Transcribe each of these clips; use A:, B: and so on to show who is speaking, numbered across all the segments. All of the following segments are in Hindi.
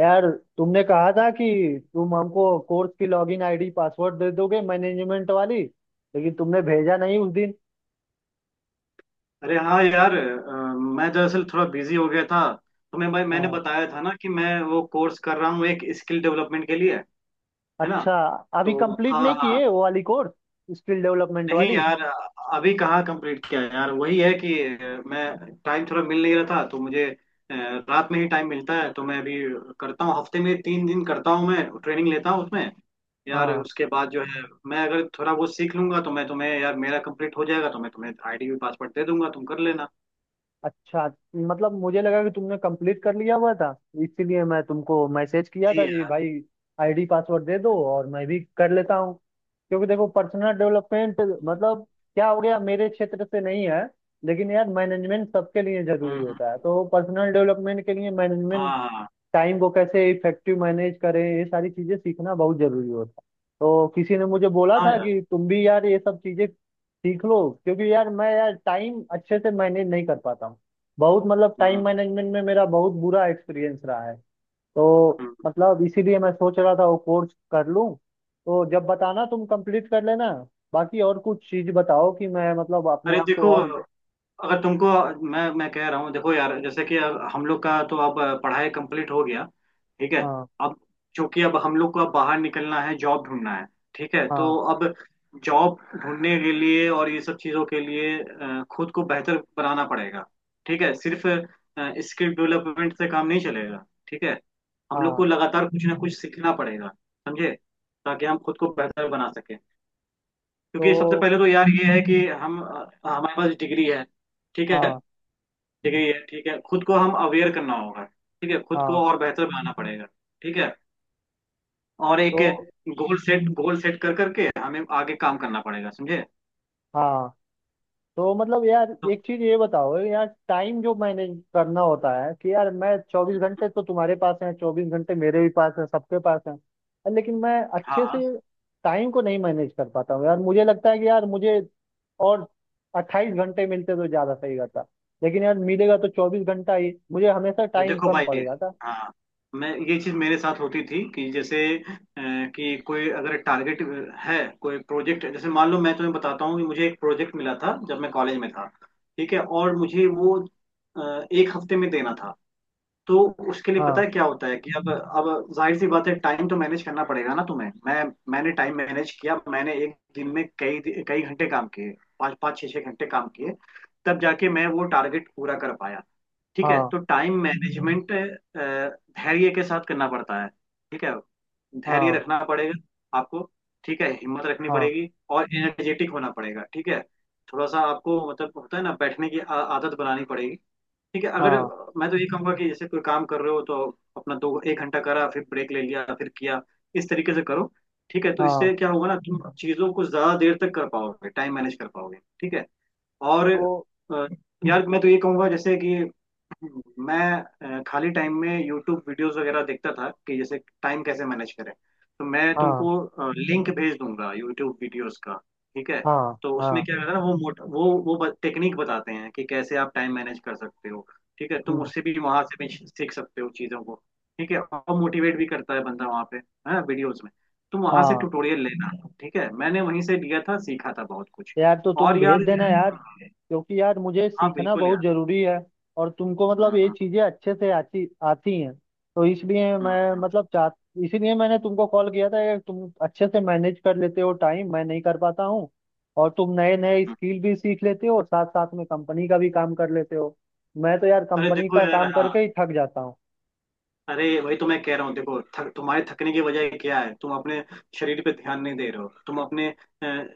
A: यार, तुमने कहा था कि तुम हमको कोर्स की लॉगिन आईडी पासवर्ड दे दोगे मैनेजमेंट वाली, लेकिन तुमने भेजा नहीं उस दिन।
B: अरे हाँ यार मैं दरअसल थोड़ा बिजी हो गया था। तो मैं भाई मैंने
A: हाँ।
B: बताया था ना कि मैं वो कोर्स कर रहा हूँ एक स्किल डेवलपमेंट के लिए। है ना।
A: अच्छा। अभी
B: तो
A: कंप्लीट नहीं
B: हाँ हाँ।
A: किए वो वाली कोर्स, स्किल डेवलपमेंट
B: नहीं
A: वाली?
B: यार अभी कहाँ कंप्लीट किया यार। वही है कि मैं टाइम थोड़ा मिल नहीं रहा था तो मुझे अ, रात में ही टाइम मिलता है। तो मैं अभी करता हूँ। हफ्ते में 3 दिन करता हूँ मैं ट्रेनिंग लेता हूँ उसमें। यार
A: हाँ।
B: उसके बाद जो है मैं अगर थोड़ा बहुत सीख लूंगा तो मैं तुम्हें यार मेरा कंप्लीट हो जाएगा तो मैं तुम्हें आईडी भी पासवर्ड दे दूंगा तुम कर लेना।
A: अच्छा। मतलब मुझे लगा कि तुमने कंप्लीट कर लिया हुआ था, इसीलिए मैं तुमको मैसेज किया
B: जी
A: था कि
B: यार।
A: भाई आईडी पासवर्ड दे दो और मैं भी कर लेता हूँ। क्योंकि देखो पर्सनल डेवलपमेंट मतलब क्या हो गया, मेरे क्षेत्र से नहीं है, लेकिन यार मैनेजमेंट सबके लिए
B: हम्म,
A: जरूरी होता है। तो पर्सनल डेवलपमेंट के लिए
B: हाँ,
A: मैनेजमेंट,
B: हाँ।
A: टाइम को कैसे इफेक्टिव मैनेज करें, ये सारी चीजें सीखना बहुत जरूरी होता है। तो किसी ने मुझे बोला
B: हाँ
A: था
B: यार।
A: कि तुम भी यार ये सब चीजें सीख लो, क्योंकि यार मैं यार टाइम अच्छे से मैनेज नहीं कर पाता हूँ। बहुत मतलब टाइम
B: हम्म,
A: मैनेजमेंट में मेरा बहुत बुरा एक्सपीरियंस रहा है। तो
B: हम्म।
A: मतलब इसीलिए मैं सोच रहा था वो कोर्स कर लूँ। तो जब बताना तुम कंप्लीट कर लेना। बाकी और कुछ चीज बताओ कि मैं मतलब अपने
B: अरे
A: आप को
B: देखो
A: और।
B: अगर तुमको मैं कह रहा हूँ। देखो यार जैसे कि अब हम लोग का तो अब पढ़ाई कंप्लीट हो गया। ठीक है
A: हाँ।
B: अब चूंकि अब हम लोग को अब बाहर निकलना है जॉब ढूंढना है। ठीक है तो
A: हाँ।
B: अब जॉब ढूंढने के लिए और ये सब चीज़ों के लिए खुद को बेहतर बनाना पड़ेगा। ठीक है सिर्फ स्किल डेवलपमेंट से काम नहीं चलेगा। ठीक है हम लोग
A: हाँ।
B: को लगातार कुछ ना कुछ सीखना पड़ेगा समझे। ताकि हम खुद को बेहतर बना सके।
A: तो।
B: क्योंकि सबसे पहले तो यार ये है कि हम हमारे पास डिग्री है। ठीक है
A: हाँ।
B: डिग्री है। ठीक है खुद को हम अवेयर करना होगा। ठीक है खुद को
A: हाँ।
B: और बेहतर बनाना पड़ेगा। ठीक है और एक
A: तो।
B: गोल सेट कर करके हमें आगे काम करना पड़ेगा समझे।
A: हाँ। तो मतलब यार
B: तो
A: एक चीज ये बताओ यार, टाइम जो मैनेज करना होता है कि यार मैं, 24 घंटे तो तुम्हारे पास है, 24 घंटे मेरे भी पास है, सबके पास है। लेकिन मैं
B: हाँ,
A: अच्छे
B: हाँ।
A: से टाइम को नहीं मैनेज कर पाता हूँ यार। मुझे लगता है कि यार मुझे और 28 घंटे मिलते तो ज्यादा सही रहता। लेकिन यार मिलेगा तो 24 घंटा ही, मुझे हमेशा टाइम
B: देखो
A: कम
B: भाई।
A: पड़ जाता।
B: हाँ मैं ये चीज मेरे साथ होती थी कि जैसे कि कोई अगर टारगेट है कोई प्रोजेक्ट। जैसे मान लो मैं तुम्हें बताता हूँ कि मुझे एक प्रोजेक्ट मिला था जब मैं कॉलेज में था। ठीक है और मुझे वो एक हफ्ते में देना था। तो उसके लिए पता
A: हाँ।
B: है क्या होता है कि अब जाहिर सी बात है टाइम तो मैनेज करना पड़ेगा ना तुम्हें। मैंने टाइम मैनेज किया। मैंने एक दिन में कई कई घंटे काम किए। पाँच पाँच छः छः घंटे काम किए तब जाके मैं वो टारगेट पूरा कर पाया। ठीक है
A: हाँ।
B: तो टाइम मैनेजमेंट धैर्य के साथ करना पड़ता है। ठीक है धैर्य
A: हाँ।
B: रखना पड़ेगा आपको। ठीक है हिम्मत रखनी
A: हाँ।
B: पड़ेगी और एनर्जेटिक होना पड़ेगा। ठीक है थोड़ा सा आपको मतलब होता है ना बैठने की आदत बनानी पड़ेगी। ठीक है अगर
A: हाँ।
B: मैं तो ये कहूंगा कि जैसे कोई काम कर रहे हो तो अपना दो एक घंटा करा फिर ब्रेक ले लिया फिर किया। इस तरीके से करो। ठीक है तो
A: हाँ।
B: इससे क्या होगा ना तुम चीजों को ज्यादा देर तक कर पाओगे टाइम मैनेज कर पाओगे। ठीक है और
A: तो।
B: यार मैं तो ये कहूंगा जैसे कि मैं खाली टाइम में यूट्यूब वीडियोस वगैरह देखता था कि जैसे टाइम कैसे मैनेज करें। तो मैं
A: हाँ।
B: तुमको लिंक भेज दूंगा यूट्यूब वीडियोस का। ठीक है
A: हाँ।
B: तो उसमें
A: हाँ।
B: क्या रहता है ना वो मोट वो टेक्निक बताते हैं कि कैसे आप टाइम मैनेज कर सकते हो। ठीक है तुम
A: हम्म।
B: उससे भी वहां से भी सीख सकते हो चीज़ों को। ठीक है और मोटिवेट भी करता है बंदा वहाँ पे है ना वीडियोज में। तुम वहां से
A: हाँ
B: ट्यूटोरियल लेना। ठीक है मैंने वहीं से लिया था सीखा था बहुत कुछ।
A: यार, तो
B: और
A: तुम
B: यार।
A: भेज देना यार, क्योंकि यार मुझे
B: हाँ
A: सीखना
B: बिल्कुल
A: बहुत
B: यार।
A: जरूरी है। और तुमको
B: हम्म,
A: मतलब ये
B: हम्म,
A: चीजें अच्छे से आती आती हैं, तो इसलिए
B: हम्म,
A: मैं मतलब चाह इसीलिए मैंने तुमको कॉल किया था कि तुम अच्छे से मैनेज कर लेते हो टाइम, मैं नहीं कर पाता हूँ। और तुम नए नए स्किल भी सीख लेते हो और साथ साथ में कंपनी का भी काम कर लेते हो। मैं तो यार
B: अरे
A: कंपनी
B: देखो
A: का
B: यार।
A: काम
B: हाँ
A: करके ही थक जाता हूँ।
B: अरे वही तो मैं कह रहा हूँ। देखो तुम्हारे थकने की वजह क्या है। तुम अपने शरीर पे ध्यान नहीं दे रहे हो। तुम अपने अ,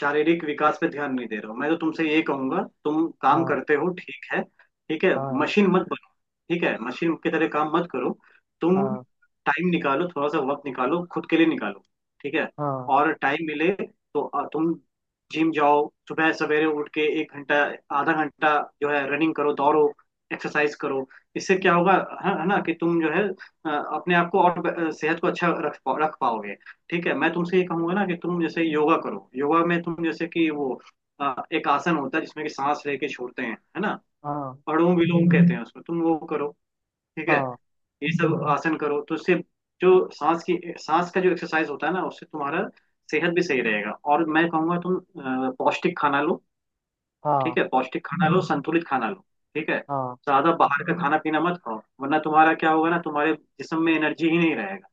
B: शारीरिक विकास पे ध्यान नहीं दे रहे हो। मैं तो तुमसे ये कहूंगा तुम काम
A: हाँ।
B: करते हो। ठीक है। ठीक है
A: हाँ।
B: मशीन मत मशीन की तरह काम मत करो। तुम
A: हाँ।
B: टाइम निकालो थोड़ा सा वक्त निकालो खुद के लिए निकालो। ठीक है
A: हाँ।
B: और टाइम मिले तो तुम जिम जाओ। सुबह सवेरे उठ के एक घंटा आधा घंटा जो है रनिंग करो दौड़ो एक्सरसाइज करो। इससे क्या होगा है ना कि तुम जो है अ, अपने आप को और सेहत को अच्छा रख पाओगे। ठीक है मैं तुमसे ये कहूंगा ना कि तुम जैसे योगा करो। योगा में तुम जैसे कि वो एक आसन होता है जिसमें कि सांस लेके छोड़ते हैं है ना।
A: हाँ।
B: अनुलोम विलोम कहते हैं उसको तुम वो करो। ठीक है
A: हाँ।
B: ये सब आसन करो तो उससे जो सांस का जो एक्सरसाइज होता है ना उससे तुम्हारा सेहत भी सही रहेगा। और मैं कहूँगा तुम पौष्टिक खाना लो।
A: हाँ।
B: ठीक है पौष्टिक खाना लो संतुलित खाना लो। ठीक है
A: हाँ
B: ज्यादा बाहर का खाना पीना मत खाओ वरना तुम्हारा क्या होगा ना तुम्हारे जिस्म में एनर्जी ही नहीं रहेगा।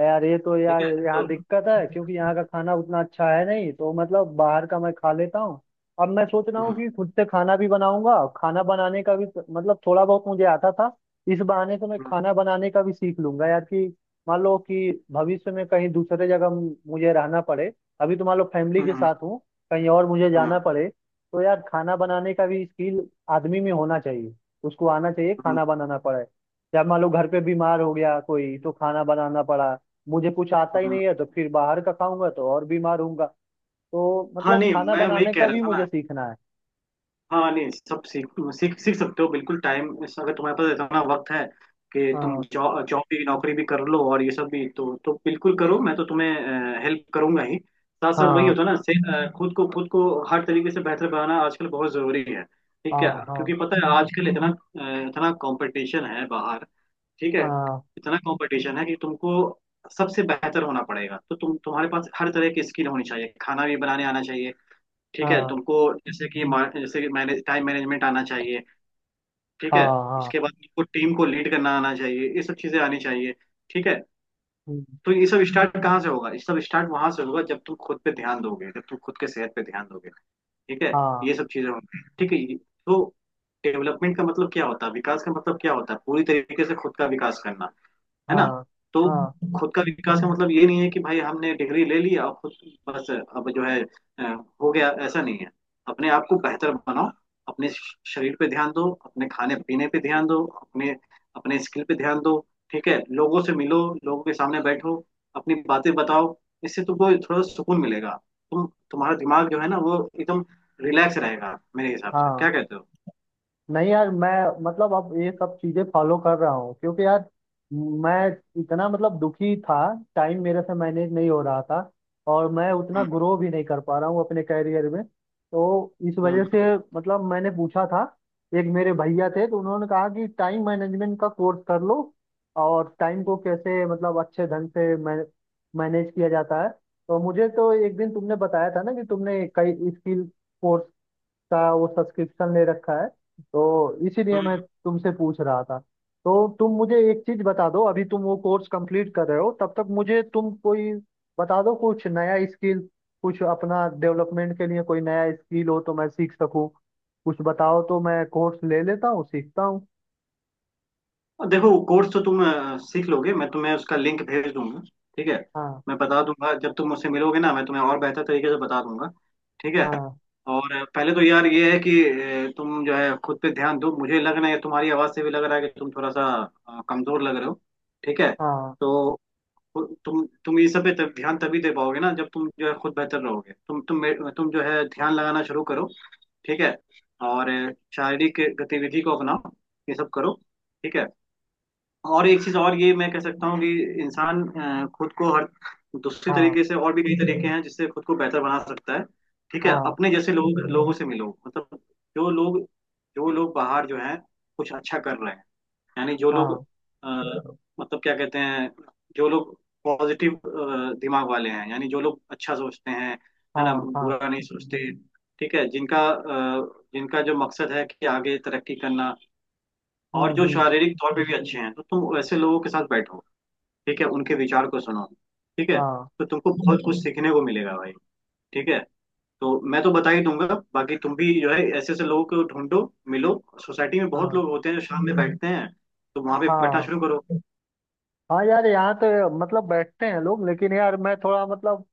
A: यार, ये तो
B: ठीक
A: यार
B: है। तो
A: यहाँ दिक्कत है, क्योंकि यहाँ का खाना उतना अच्छा है नहीं, तो मतलब बाहर का मैं खा लेता हूँ। अब मैं सोच रहा हूँ
B: हम्म,
A: कि खुद से खाना भी बनाऊंगा। खाना बनाने का भी तो, मतलब थोड़ा बहुत मुझे आता था। इस बहाने से मैं
B: हम्म,
A: खाना बनाने का भी सीख लूंगा यार, कि मान लो कि भविष्य में कहीं दूसरे जगह मुझे रहना पड़े। अभी तो मान लो फैमिली के
B: हम्म,
A: साथ हूँ, कहीं और मुझे
B: हम्म,
A: जाना पड़े तो यार खाना बनाने का भी स्किल आदमी में होना चाहिए। उसको आना चाहिए,
B: हम्म,
A: खाना बनाना पड़े। या मान लो घर पे बीमार हो गया कोई तो खाना बनाना पड़ा, मुझे कुछ आता ही
B: हम्म।
A: नहीं है तो फिर बाहर का खाऊंगा तो और बीमार होऊंगा। तो
B: हाँ
A: मतलब
B: नहीं
A: खाना
B: मैं वही
A: बनाने
B: कह
A: का
B: रहा
A: भी
B: था ना।
A: मुझे सीखना है।
B: हाँ नहीं सब सीख सीख सीख सकते हो बिल्कुल। टाइम अगर तुम्हारे पास इतना वक्त है कि तुम
A: हाँ।
B: जॉब जॉब भी नौकरी भी कर लो और ये सब भी तो बिल्कुल करो। मैं तो तुम्हें हेल्प करूंगा ही। साथ साथ वही
A: हाँ।
B: होता है ना खुद को हर तरीके से बेहतर बनाना आजकल बहुत जरूरी है। ठीक है
A: हाँ। हाँ।
B: क्योंकि पता है आजकल इतना कंपटीशन है बाहर। ठीक है
A: हाँ।
B: इतना कंपटीशन है कि तुमको सबसे बेहतर होना पड़ेगा। तो तुम्हारे पास हर तरह की स्किल होनी चाहिए खाना भी बनाने आना चाहिए। ठीक है
A: हाँ।
B: तुमको जैसे कि मा- जैसे कि मैनेज टाइम मैनेजमेंट आना चाहिए। ठीक है
A: हाँ। हाँ।
B: इसके बाद तुमको टीम को लीड करना आना चाहिए ये सब चीजें आनी चाहिए। ठीक है
A: हम्म।
B: तो ये सब स्टार्ट कहाँ से होगा ये सब स्टार्ट वहां से होगा जब तुम खुद पे ध्यान दोगे जब तुम खुद के सेहत पे ध्यान दोगे। ठीक है
A: हाँ।
B: ये सब चीजें होंगी। ठीक है तो डेवलपमेंट का मतलब क्या होता है विकास का मतलब क्या होता है पूरी तरीके से खुद का विकास करना। है ना।
A: हाँ।
B: तो
A: हाँ।
B: खुद का विकास का मतलब ये नहीं है कि भाई हमने डिग्री ले ली और खुद बस अब जो है अ, हो गया ऐसा नहीं है। अपने आप को बेहतर बनाओ। अपने शरीर पे ध्यान दो। अपने खाने पीने पे ध्यान दो। अपने अपने स्किल पे ध्यान दो। ठीक है लोगों से मिलो लोगों के सामने बैठो अपनी बातें बताओ। इससे तुमको थोड़ा सुकून मिलेगा। तुम तुम्हारा दिमाग जो है ना वो एकदम रिलैक्स रहेगा मेरे हिसाब से
A: हाँ
B: क्या कहते हो।
A: नहीं यार, मैं मतलब अब ये सब चीजें फॉलो कर रहा हूँ, क्योंकि यार मैं इतना मतलब दुखी था। टाइम मेरे से मैनेज नहीं हो रहा था और मैं उतना
B: हम्म,
A: ग्रो भी नहीं कर पा रहा हूँ अपने कैरियर में। तो इस वजह
B: हम्म,
A: से मतलब मैंने पूछा था, एक मेरे भैया थे तो उन्होंने कहा कि टाइम मैनेजमेंट का कोर्स कर लो और टाइम को कैसे मतलब अच्छे ढंग से मैनेज किया जाता है। तो मुझे तो एक दिन तुमने बताया था ना कि तुमने कई स्किल कोर्स का वो सब्सक्रिप्शन ले रखा है, तो इसीलिए मैं
B: हम्म।
A: तुमसे पूछ रहा था। तो तुम मुझे एक चीज बता दो, अभी तुम वो कोर्स कंप्लीट कर रहे हो तब तक मुझे तुम कोई बता दो कुछ नया स्किल, कुछ अपना डेवलपमेंट के लिए कोई नया स्किल हो तो मैं सीख सकूं। कुछ बताओ तो मैं कोर्स ले लेता हूँ, सीखता हूँ।
B: और देखो कोर्स तो तुम सीख लोगे मैं तुम्हें उसका लिंक भेज दूंगा। ठीक है
A: हाँ।
B: मैं बता दूंगा जब तुम मुझसे मिलोगे ना मैं तुम्हें और बेहतर तरीके से बता दूंगा। ठीक है
A: हाँ।
B: और पहले तो यार ये है कि तुम जो है खुद पे ध्यान दो। मुझे लग रहा है तुम्हारी आवाज़ से भी लग रहा है कि तुम थोड़ा सा कमजोर लग रहे हो। ठीक है
A: हाँ।
B: तो तुम ये सब पे तब ध्यान तभी दे पाओगे ना जब तुम जो है खुद बेहतर रहोगे। तुम जो है ध्यान लगाना शुरू करो। ठीक है और शारीरिक गतिविधि को अपनाओ ये सब करो। ठीक है और एक चीज और ये मैं कह सकता हूँ कि इंसान खुद को हर दूसरे
A: हाँ।
B: तरीके से और भी कई तरीके हैं जिससे खुद को बेहतर बना सकता है। ठीक है
A: हाँ।
B: अपने जैसे लोगों से मिलो मतलब जो लोग जो लोग बाहर जो हैं कुछ अच्छा कर रहे हैं। यानी जो लोग
A: हाँ।
B: अ, मतलब क्या कहते हैं जो लोग पॉजिटिव दिमाग वाले हैं यानी जो लोग अच्छा सोचते हैं है ना
A: हाँ। हाँ।
B: बुरा नहीं सोचते। ठीक है जिनका जो मकसद है कि आगे तरक्की करना। और
A: हम्म।
B: जो
A: हम्म।
B: शारीरिक तौर पे भी अच्छे हैं तो तुम वैसे लोगों के साथ बैठो। ठीक है उनके विचार को सुनो। ठीक है
A: हाँ।
B: तो तुमको बहुत कुछ सीखने को मिलेगा भाई। ठीक है तो मैं तो बता ही दूंगा। बाकी तुम भी जो है ऐसे ऐसे लोगों को ढूंढो मिलो। सोसाइटी में बहुत
A: हाँ।
B: लोग होते हैं जो शाम में बैठते हैं तो वहां पे बैठना
A: हाँ।
B: शुरू करो।
A: हाँ यार, यहाँ तो मतलब बैठते हैं लोग, लेकिन यार मैं थोड़ा मतलब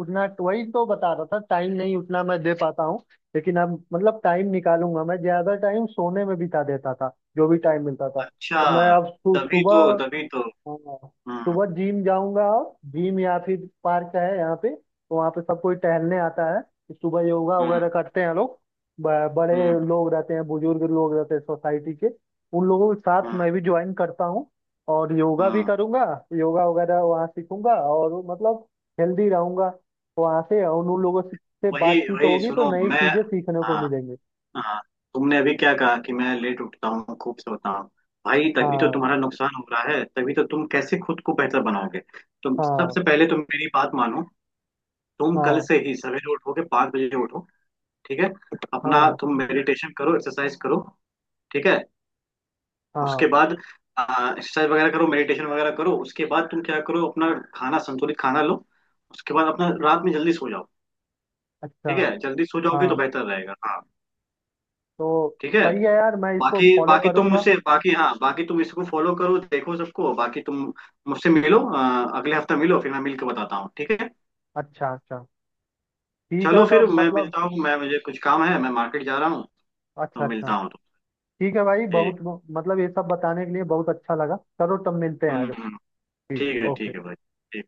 A: उतना, वही तो बता रहा था, टाइम नहीं उतना मैं दे पाता हूँ। लेकिन अब मतलब टाइम निकालूंगा। मैं ज्यादा टाइम सोने में बिता देता था, जो भी टाइम मिलता था।
B: अच्छा
A: तो मैं अब
B: तभी
A: सुबह।
B: तो, तभी तो।
A: हाँ,
B: हम्म,
A: सुबह जिम जाऊंगा। और जिम या फिर पार्क है यहाँ पे तो वहाँ पे सब कोई टहलने आता है। सुबह योगा
B: हम्म,
A: वगैरह करते हैं लोग। बड़े
B: हम्म,
A: लोग रहते हैं, बुजुर्ग लोग रहते हैं सोसाइटी के, उन लोगों के साथ
B: हम्म,
A: मैं भी ज्वाइन करता हूँ। और योगा भी
B: हम्म।
A: करूंगा। योगा वगैरह वहाँ सीखूंगा और मतलब हेल्दी रहूंगा। वहाँ से और उन लोगों से
B: वही
A: बातचीत
B: वही
A: होगी तो
B: सुनो
A: नई
B: मैं।
A: चीजें सीखने को
B: हाँ,
A: मिलेंगे।
B: हाँ। तुमने अभी क्या कहा कि मैं लेट उठता हूँ खूब सोता हूँ। भाई तभी तो
A: हाँ।
B: तुम्हारा नुकसान हो रहा है तभी तो तुम कैसे खुद को बेहतर बनाओगे। तुम
A: हाँ।
B: सबसे पहले तुम मेरी बात मानो। तुम कल
A: हाँ।
B: से ही सवेरे उठोगे 5 बजे उठो। ठीक है अपना
A: हाँ।
B: तुम मेडिटेशन करो एक्सरसाइज करो। ठीक है
A: हाँ।
B: उसके बाद एक्सरसाइज वगैरह करो मेडिटेशन वगैरह करो उसके बाद तुम क्या करो अपना खाना संतुलित खाना लो। उसके बाद अपना रात में जल्दी सो जाओ।
A: अच्छा।
B: ठीक है जल्दी सो जाओगे तो
A: हाँ।
B: बेहतर रहेगा। हाँ
A: तो
B: ठीक है
A: सही है यार, मैं इसको
B: बाकी
A: फॉलो
B: बाकी तुम
A: करूंगा।
B: मुझसे बाकी हाँ बाकी तुम इसको फॉलो करो देखो सबको बाकी तुम मुझसे मिलो अगले हफ्ता मिलो फिर मैं मिल के बताता हूँ। ठीक है
A: अच्छा अच्छा। ठीक है
B: चलो
A: तो
B: फिर
A: अब
B: मैं
A: मतलब।
B: मिलता हूँ। मैं मुझे कुछ काम है मैं मार्केट जा रहा हूँ तो
A: अच्छा अच्छा।
B: मिलता हूँ तो।
A: ठीक है भाई, बहुत
B: ठीक।
A: मतलब ये सब बताने के लिए बहुत अच्छा लगा। चलो तब मिलते हैं
B: हम्म,
A: आगे।
B: हम्म।
A: ठीक है, ओके।
B: ठीक है भाई। ठीक।